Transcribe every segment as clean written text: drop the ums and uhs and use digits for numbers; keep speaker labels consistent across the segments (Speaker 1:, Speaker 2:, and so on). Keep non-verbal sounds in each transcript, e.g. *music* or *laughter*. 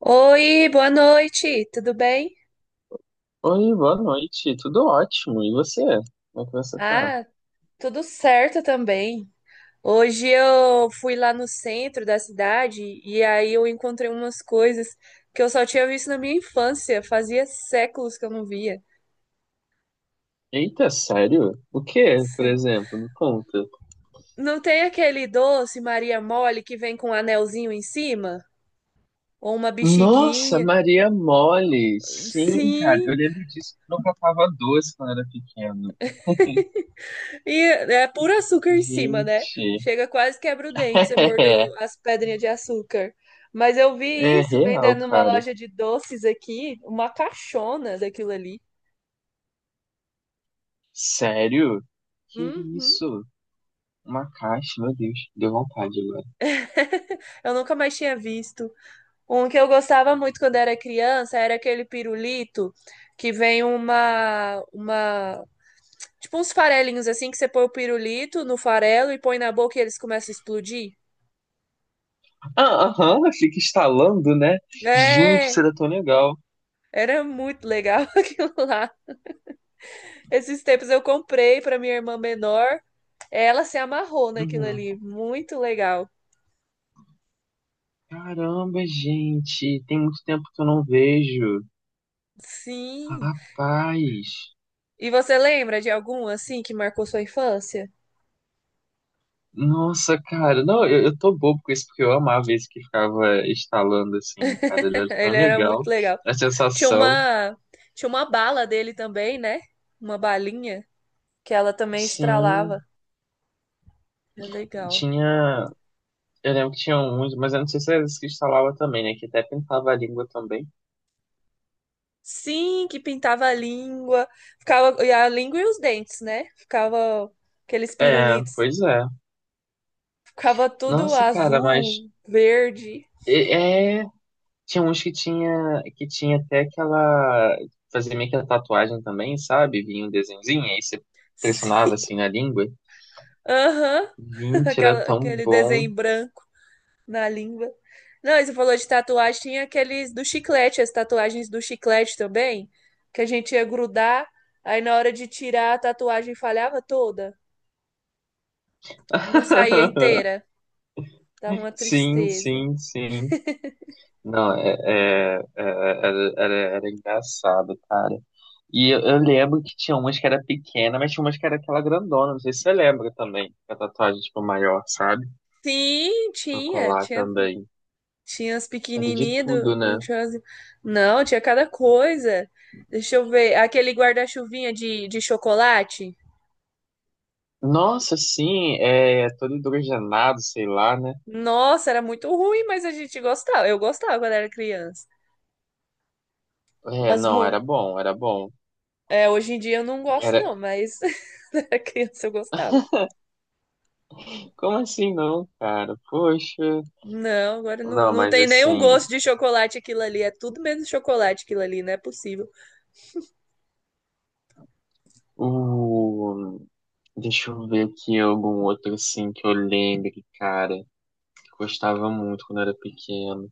Speaker 1: Oi, boa noite, tudo bem?
Speaker 2: Oi, boa noite. Tudo ótimo. E você? Como é que você tá?
Speaker 1: Ah, tudo certo também. Hoje eu fui lá no centro da cidade e aí eu encontrei umas coisas que eu só tinha visto na minha infância, fazia séculos que eu não via.
Speaker 2: Eita, sério? O que por
Speaker 1: Sé-
Speaker 2: exemplo? Me conta.
Speaker 1: Não tem aquele doce Maria Mole que vem com um anelzinho em cima? Ou uma
Speaker 2: Nossa,
Speaker 1: bexiguinha?
Speaker 2: Maria Mole! Sim, cara,
Speaker 1: Sim.
Speaker 2: eu lembro disso que eu catava doce quando era pequeno.
Speaker 1: E é puro açúcar em cima, né?
Speaker 2: Gente,
Speaker 1: Chega quase quebra o dente, você
Speaker 2: *laughs*
Speaker 1: mordeu
Speaker 2: é,
Speaker 1: as pedrinhas de açúcar. Mas eu vi
Speaker 2: é
Speaker 1: isso
Speaker 2: real,
Speaker 1: vendendo numa
Speaker 2: cara.
Speaker 1: loja de doces aqui, uma caixona daquilo ali.
Speaker 2: Sério? Que
Speaker 1: Uhum.
Speaker 2: isso? Uma caixa, meu Deus, deu vontade agora.
Speaker 1: *laughs* Eu nunca mais tinha visto. Um que eu gostava muito quando era criança era aquele pirulito que vem uma tipo uns farelinhos assim que você põe o pirulito no farelo e põe na boca e eles começam a explodir.
Speaker 2: Ah, aham, fica instalando, né? Gente,
Speaker 1: É,
Speaker 2: isso era tão legal.
Speaker 1: era muito legal *laughs* aquilo lá. Esses tempos eu comprei para minha irmã menor. Ela se amarrou naquilo
Speaker 2: Uhum.
Speaker 1: ali. Muito legal.
Speaker 2: Caramba, gente, tem muito tempo que eu não vejo.
Speaker 1: Sim.
Speaker 2: Rapaz,
Speaker 1: E você lembra de algum assim que marcou sua infância?
Speaker 2: nossa, cara, não, eu tô bobo com isso, porque eu amava esse que ficava instalando assim, cara, ele
Speaker 1: *laughs*
Speaker 2: era tão
Speaker 1: Ele era muito
Speaker 2: legal.
Speaker 1: legal.
Speaker 2: A
Speaker 1: Tinha
Speaker 2: sensação,
Speaker 1: uma, tinha uma bala dele também, né? Uma balinha que ela também estralava.
Speaker 2: sim,
Speaker 1: Era legal.
Speaker 2: tinha, eu lembro que tinha uns, mas eu não sei se era esse que instalava também, né, que até pintava a língua também.
Speaker 1: Sim, que pintava a língua, ficava e a língua e os dentes, né? Ficava aqueles
Speaker 2: É,
Speaker 1: pirulitos,
Speaker 2: pois é.
Speaker 1: ficava tudo
Speaker 2: Nossa, cara, mas
Speaker 1: azul, verde.
Speaker 2: é. Tinha uns que tinha até aquela. Fazia meio que a tatuagem também, sabe? Vinha um desenhozinho, aí você
Speaker 1: *laughs* Sim.
Speaker 2: pressionava assim na língua.
Speaker 1: Aham. *laughs*
Speaker 2: Gente, era tão
Speaker 1: Aquele
Speaker 2: bom.
Speaker 1: desenho em branco na língua. Não, e você falou de tatuagem, tinha aqueles do chiclete, as tatuagens do chiclete também, que a gente ia grudar, aí na hora de tirar a tatuagem falhava toda, não saía
Speaker 2: *laughs*
Speaker 1: inteira, dava uma
Speaker 2: Sim,
Speaker 1: tristeza.
Speaker 2: sim, sim. Não, é, é, é, era, era, era engraçado, cara. E eu lembro que tinha umas que era pequena, mas tinha umas que era aquela grandona. Não sei se você lembra também. A tatuagem, tipo, maior, sabe?
Speaker 1: Sim,
Speaker 2: Pra
Speaker 1: tinha,
Speaker 2: colar
Speaker 1: tinha,
Speaker 2: também.
Speaker 1: tinha as
Speaker 2: Era de
Speaker 1: pequenininhas do...
Speaker 2: tudo, né?
Speaker 1: Não, tinha cada coisa. Deixa eu ver, aquele guarda-chuvinha de chocolate.
Speaker 2: Nossa, sim, é todo hidrogenado, sei lá, né?
Speaker 1: Nossa, era muito ruim, mas a gente gostava. Eu gostava quando era criança.
Speaker 2: É,
Speaker 1: Mas
Speaker 2: não,
Speaker 1: mu-
Speaker 2: era bom, era bom.
Speaker 1: É, hoje em dia eu não gosto,
Speaker 2: Era...
Speaker 1: não, mas *laughs* quando era criança eu gostava.
Speaker 2: Como assim não, cara? Poxa.
Speaker 1: Não, agora não,
Speaker 2: Não,
Speaker 1: não
Speaker 2: mas
Speaker 1: tem nenhum
Speaker 2: assim,
Speaker 1: gosto de chocolate aquilo ali. É tudo menos chocolate aquilo ali, não é possível.
Speaker 2: o... Deixa eu ver aqui algum outro assim que eu lembre, cara, que eu gostava muito quando era pequeno.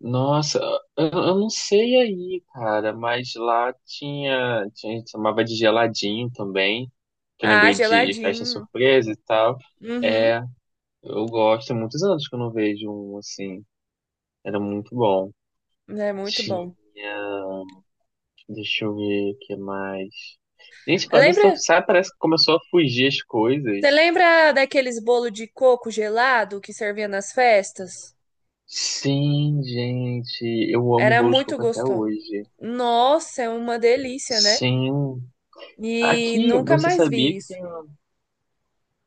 Speaker 2: Nossa, eu não sei aí, cara, mas lá tinha, tinha, a gente chamava de geladinho também, que eu
Speaker 1: Ah,
Speaker 2: lembrei de festa
Speaker 1: geladinho.
Speaker 2: surpresa e tal.
Speaker 1: Uhum,
Speaker 2: É, eu gosto, há muitos anos que eu não vejo um assim. Era muito bom.
Speaker 1: é muito
Speaker 2: Tinha.
Speaker 1: bom.
Speaker 2: Deixa eu ver o que mais. Gente, quando só
Speaker 1: Lembra?
Speaker 2: sai, parece que começou a fugir as coisas.
Speaker 1: Você lembra daqueles bolo de coco gelado que servia nas festas?
Speaker 2: Sim, gente. Eu amo
Speaker 1: Era
Speaker 2: bolo de
Speaker 1: muito
Speaker 2: coco até
Speaker 1: gostoso.
Speaker 2: hoje.
Speaker 1: Nossa, é uma delícia, né?
Speaker 2: Sim.
Speaker 1: E
Speaker 2: Aqui,
Speaker 1: nunca
Speaker 2: você
Speaker 1: mais
Speaker 2: sabia
Speaker 1: vi
Speaker 2: que
Speaker 1: isso.
Speaker 2: tem.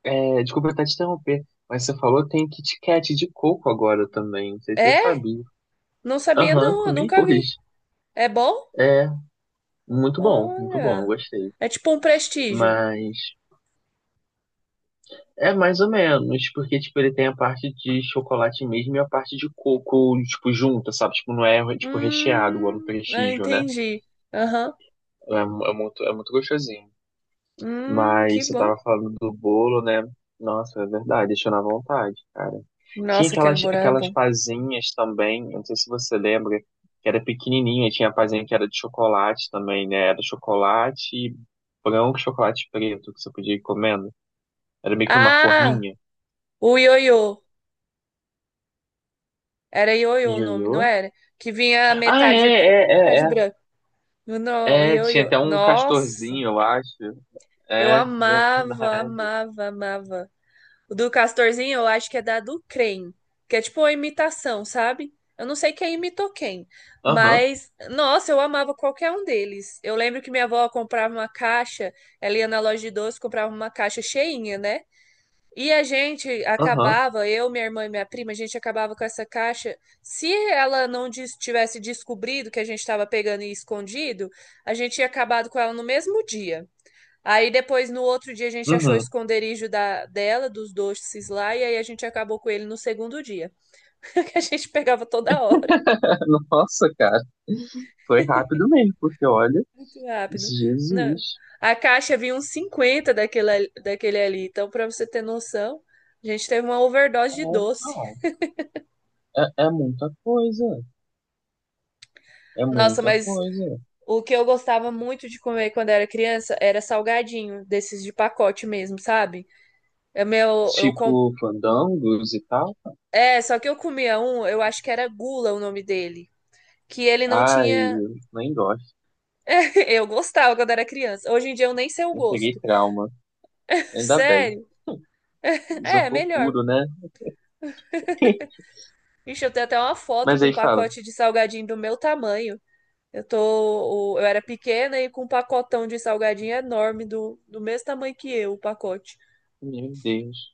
Speaker 2: É, desculpa até te interromper, mas você falou que tem Kit Kat de coco agora também. Não sei se eu
Speaker 1: É.
Speaker 2: sabia.
Speaker 1: Não sabia,
Speaker 2: Aham,
Speaker 1: não, eu
Speaker 2: comi
Speaker 1: nunca vi.
Speaker 2: hoje.
Speaker 1: É bom?
Speaker 2: É, muito bom, eu
Speaker 1: Olha.
Speaker 2: gostei.
Speaker 1: É tipo um prestígio.
Speaker 2: Mas é mais ou menos, porque tipo, ele tem a parte de chocolate mesmo e a parte de coco, tipo, junta, sabe? Tipo, não é tipo recheado, igual no
Speaker 1: Eu
Speaker 2: Prestígio, né?
Speaker 1: entendi. Aham.
Speaker 2: É, é muito gostosinho.
Speaker 1: Que
Speaker 2: Mas você
Speaker 1: bom.
Speaker 2: tava falando do bolo, né? Nossa, é verdade, deixou na vontade, cara. Tinha
Speaker 1: Nossa, aquele
Speaker 2: aquelas,
Speaker 1: Borá era
Speaker 2: aquelas
Speaker 1: bom.
Speaker 2: pazinhas também, eu não sei se você lembra, que era pequenininha, tinha a pazinha que era de chocolate também, né? Era chocolate branco, e chocolate preto, que você podia ir comendo. Era meio que numa
Speaker 1: Ah,
Speaker 2: forminha.
Speaker 1: o ioiô. Era ioiô o nome,
Speaker 2: Ioiô?
Speaker 1: não era? Que vinha
Speaker 2: Ah, é,
Speaker 1: metade preto,
Speaker 2: é,
Speaker 1: metade
Speaker 2: é,
Speaker 1: branco. Não,
Speaker 2: é. É, tinha
Speaker 1: ioiô.
Speaker 2: até um
Speaker 1: Nossa,
Speaker 2: castorzinho, eu acho.
Speaker 1: eu
Speaker 2: É,
Speaker 1: amava,
Speaker 2: verdade.
Speaker 1: amava, amava. O do Castorzinho eu acho que é da do Crem, que é tipo uma imitação, sabe? Eu não sei quem imitou quem,
Speaker 2: Aham,
Speaker 1: mas nossa, eu amava qualquer um deles. Eu lembro que minha avó comprava uma caixa, ela ia na loja de doce, comprava uma caixa cheinha, né? E a gente
Speaker 2: aham,
Speaker 1: acabava, eu, minha irmã e minha prima, a gente acabava com essa caixa. Se ela não tivesse descobrido que a gente estava pegando e escondido, a gente tinha acabado com ela no mesmo dia. Aí depois, no outro dia, a gente achou o
Speaker 2: uhum.
Speaker 1: esconderijo dela, dos doces lá, e aí a gente acabou com ele no segundo dia. *laughs* Que a gente pegava toda hora.
Speaker 2: *laughs* Nossa, cara, foi rápido mesmo, porque olha,
Speaker 1: Muito rápido. Não.
Speaker 2: Jesus.
Speaker 1: A caixa vinha uns 50 daquele ali. Então, pra você ter noção, a gente teve uma overdose
Speaker 2: É,
Speaker 1: de doce.
Speaker 2: não, é, é muita coisa, é
Speaker 1: Nossa,
Speaker 2: muita
Speaker 1: mas
Speaker 2: coisa.
Speaker 1: o que eu gostava muito de comer quando era criança era salgadinho, desses de pacote mesmo, sabe? É meu, eu com...
Speaker 2: Tipo, fandangos e tal.
Speaker 1: É, só que eu comia um, eu acho que era Gula o nome dele. Que ele não
Speaker 2: Ai,
Speaker 1: tinha
Speaker 2: eu nem gosto.
Speaker 1: *laughs* eu gostava quando era criança. Hoje em dia eu nem sei o
Speaker 2: Eu peguei
Speaker 1: gosto.
Speaker 2: trauma, ainda bem.
Speaker 1: Sério? É,
Speaker 2: Isopor
Speaker 1: melhor.
Speaker 2: puro, né? *laughs*
Speaker 1: Ixi, eu tenho até uma foto
Speaker 2: Mas
Speaker 1: com um
Speaker 2: aí fala,
Speaker 1: pacote de salgadinho do meu tamanho. Eu era pequena e com um pacotão de salgadinho enorme do mesmo tamanho que eu, o pacote.
Speaker 2: meu Deus,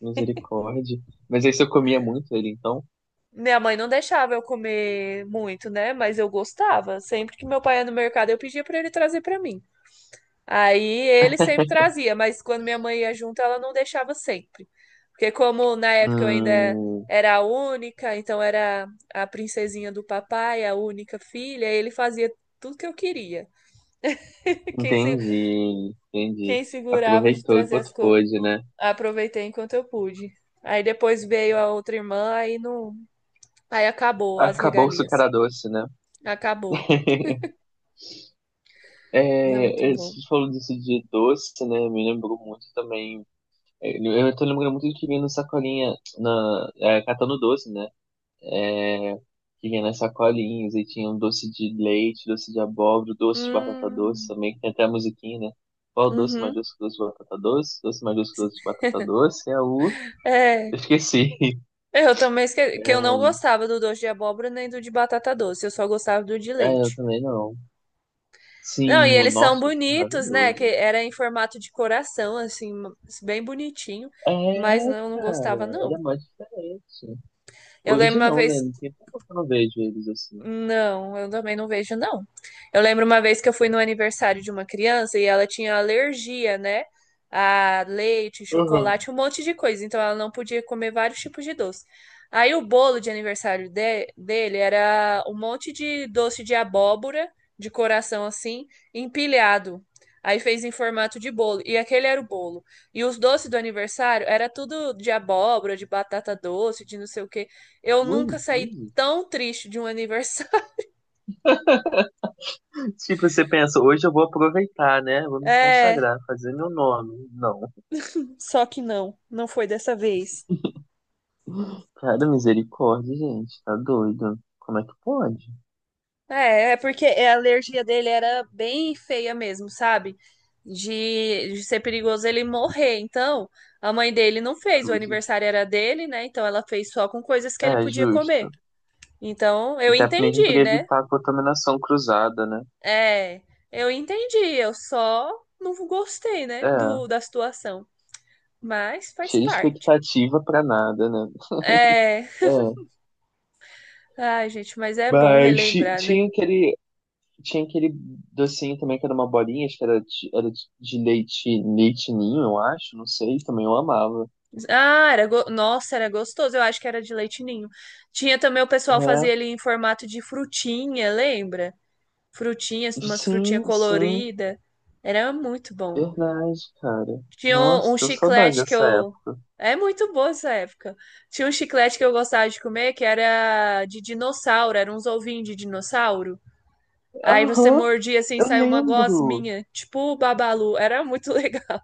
Speaker 2: misericórdia. Mas aí se eu comia muito ele, então.
Speaker 1: Minha mãe não deixava eu comer muito, né? Mas eu gostava. Sempre que meu pai ia no mercado, eu pedia pra ele trazer pra mim. Aí ele sempre trazia, mas quando minha mãe ia junto, ela não deixava sempre. Porque como na época eu ainda
Speaker 2: Hum,
Speaker 1: era a única, então era a princesinha do papai, a única filha, ele fazia tudo que eu queria. *laughs* Quem, se,
Speaker 2: entendi, entendi.
Speaker 1: quem segurava de
Speaker 2: Aproveitou
Speaker 1: trazer as
Speaker 2: enquanto
Speaker 1: coisas,
Speaker 2: pôde, né?
Speaker 1: aproveitei enquanto eu pude. Aí depois veio a outra irmã, aí não, aí acabou as
Speaker 2: Acabou o
Speaker 1: regalias.
Speaker 2: açúcar doce, né?
Speaker 1: Acabou. Mas é muito
Speaker 2: É,
Speaker 1: bom.
Speaker 2: você falou disso de doce, né? Me lembrou muito também. É, eu tô lembrando muito de que vinha na sacolinha, na, é, catando doce, né? É, que vinha nas sacolinhas e tinha um doce de leite, doce de abóbora, doce de batata doce
Speaker 1: Hum,
Speaker 2: também, que tem até a musiquinha, né? Qual doce mais
Speaker 1: uhum.
Speaker 2: doce que doce de batata doce? Doce mais doce que doce de batata doce é o.
Speaker 1: É.
Speaker 2: Eu esqueci.
Speaker 1: É, eu também que eu não
Speaker 2: *laughs*
Speaker 1: gostava do doce de abóbora nem do de batata doce, eu só gostava do de
Speaker 2: É, eu
Speaker 1: leite.
Speaker 2: também não.
Speaker 1: Não, e
Speaker 2: Sim, o
Speaker 1: eles são
Speaker 2: nosso, isso é
Speaker 1: bonitos, né? Que
Speaker 2: maravilhoso.
Speaker 1: era em formato de coração, assim, bem bonitinho,
Speaker 2: É,
Speaker 1: mas não, eu não
Speaker 2: cara,
Speaker 1: gostava,
Speaker 2: era
Speaker 1: não.
Speaker 2: mais diferente.
Speaker 1: Eu lembro
Speaker 2: Hoje
Speaker 1: uma
Speaker 2: não, né?
Speaker 1: vez
Speaker 2: Não tem tempo que eu não vejo eles assim.
Speaker 1: Não, eu também não vejo, não. Eu lembro uma vez que eu fui no aniversário de uma criança e ela tinha alergia, né? A leite,
Speaker 2: Uhum.
Speaker 1: chocolate, um monte de coisa. Então ela não podia comer vários tipos de doce. Aí o bolo de aniversário dele era um monte de doce de abóbora, de coração assim, empilhado. Aí fez em formato de bolo. E aquele era o bolo. E os doces do aniversário era tudo de abóbora, de batata doce, de não sei o quê. Eu
Speaker 2: Ui,
Speaker 1: nunca saí
Speaker 2: inclusive.
Speaker 1: tão triste de um aniversário. *laughs*
Speaker 2: Tipo, você pensa, hoje eu vou aproveitar, né? Vou me
Speaker 1: É,
Speaker 2: consagrar, fazer meu nome. Não.
Speaker 1: só que não, não foi dessa vez.
Speaker 2: Cara, misericórdia, gente, tá doido. Como é que pode?
Speaker 1: É, é porque a alergia dele era bem feia mesmo, sabe? De ser perigoso ele morrer. Então, a mãe dele não fez, o
Speaker 2: Cruzes.
Speaker 1: aniversário era dele, né? Então ela fez só com coisas que ele
Speaker 2: É,
Speaker 1: podia comer.
Speaker 2: justo.
Speaker 1: Então, eu
Speaker 2: Até mesmo
Speaker 1: entendi,
Speaker 2: pra
Speaker 1: né?
Speaker 2: evitar a contaminação cruzada, né?
Speaker 1: É, eu entendi, eu só não gostei, né,
Speaker 2: É,
Speaker 1: da situação. Mas faz
Speaker 2: cheia de
Speaker 1: parte.
Speaker 2: expectativa pra nada, né?
Speaker 1: É,
Speaker 2: É.
Speaker 1: ai, gente, mas é bom
Speaker 2: Mas
Speaker 1: relembrar, né?
Speaker 2: tinha aquele, tinha aquele docinho também que era uma bolinha, acho que era de leite, leite ninho, eu acho, não sei, também eu amava.
Speaker 1: Ah, nossa, era gostoso. Eu acho que era de leite ninho. Tinha também o pessoal fazia
Speaker 2: É,
Speaker 1: ele em formato de frutinha, lembra? Frutinhas, umas frutinhas
Speaker 2: sim, sim,
Speaker 1: coloridas. Era muito bom.
Speaker 2: verdade, cara.
Speaker 1: Tinha um,
Speaker 2: Nossa,
Speaker 1: um
Speaker 2: deu saudade
Speaker 1: chiclete que
Speaker 2: dessa
Speaker 1: eu.
Speaker 2: época.
Speaker 1: É muito boa essa época. Tinha um chiclete que eu gostava de comer que era de dinossauro, era uns ovinhos de dinossauro. Aí você
Speaker 2: Aham,
Speaker 1: mordia assim, e
Speaker 2: eu
Speaker 1: saiu uma
Speaker 2: lembro.
Speaker 1: gosminha, tipo o Babalu. Era muito legal.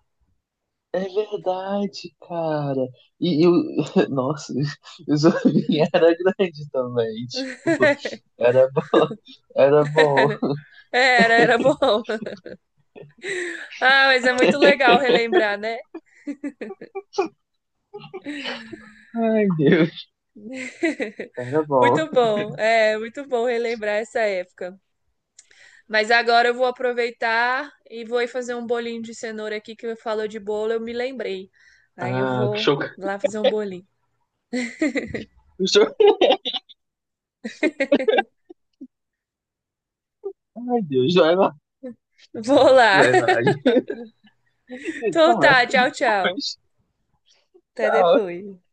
Speaker 2: É verdade, cara. E o... *laughs* Nossa, o Zorrinho era grande também, tipo,
Speaker 1: *laughs*
Speaker 2: era bom, *laughs* era bom.
Speaker 1: Era, era bom. Ah, mas é muito legal relembrar, né?
Speaker 2: Ai, Deus, era bom.
Speaker 1: Muito bom, é muito bom relembrar essa época. Mas agora eu vou aproveitar e vou ir fazer um bolinho de cenoura aqui que eu falou de bolo, eu me lembrei. Aí eu
Speaker 2: Ah, que
Speaker 1: vou
Speaker 2: choque
Speaker 1: lá fazer um bolinho.
Speaker 2: *laughs* Ai, Deus, vai lá.
Speaker 1: Vou lá. *laughs*
Speaker 2: Verdade. *laughs* A gente
Speaker 1: Então
Speaker 2: conversa
Speaker 1: tá,
Speaker 2: hoje.
Speaker 1: tchau, tchau. Até
Speaker 2: Tchau.
Speaker 1: depois.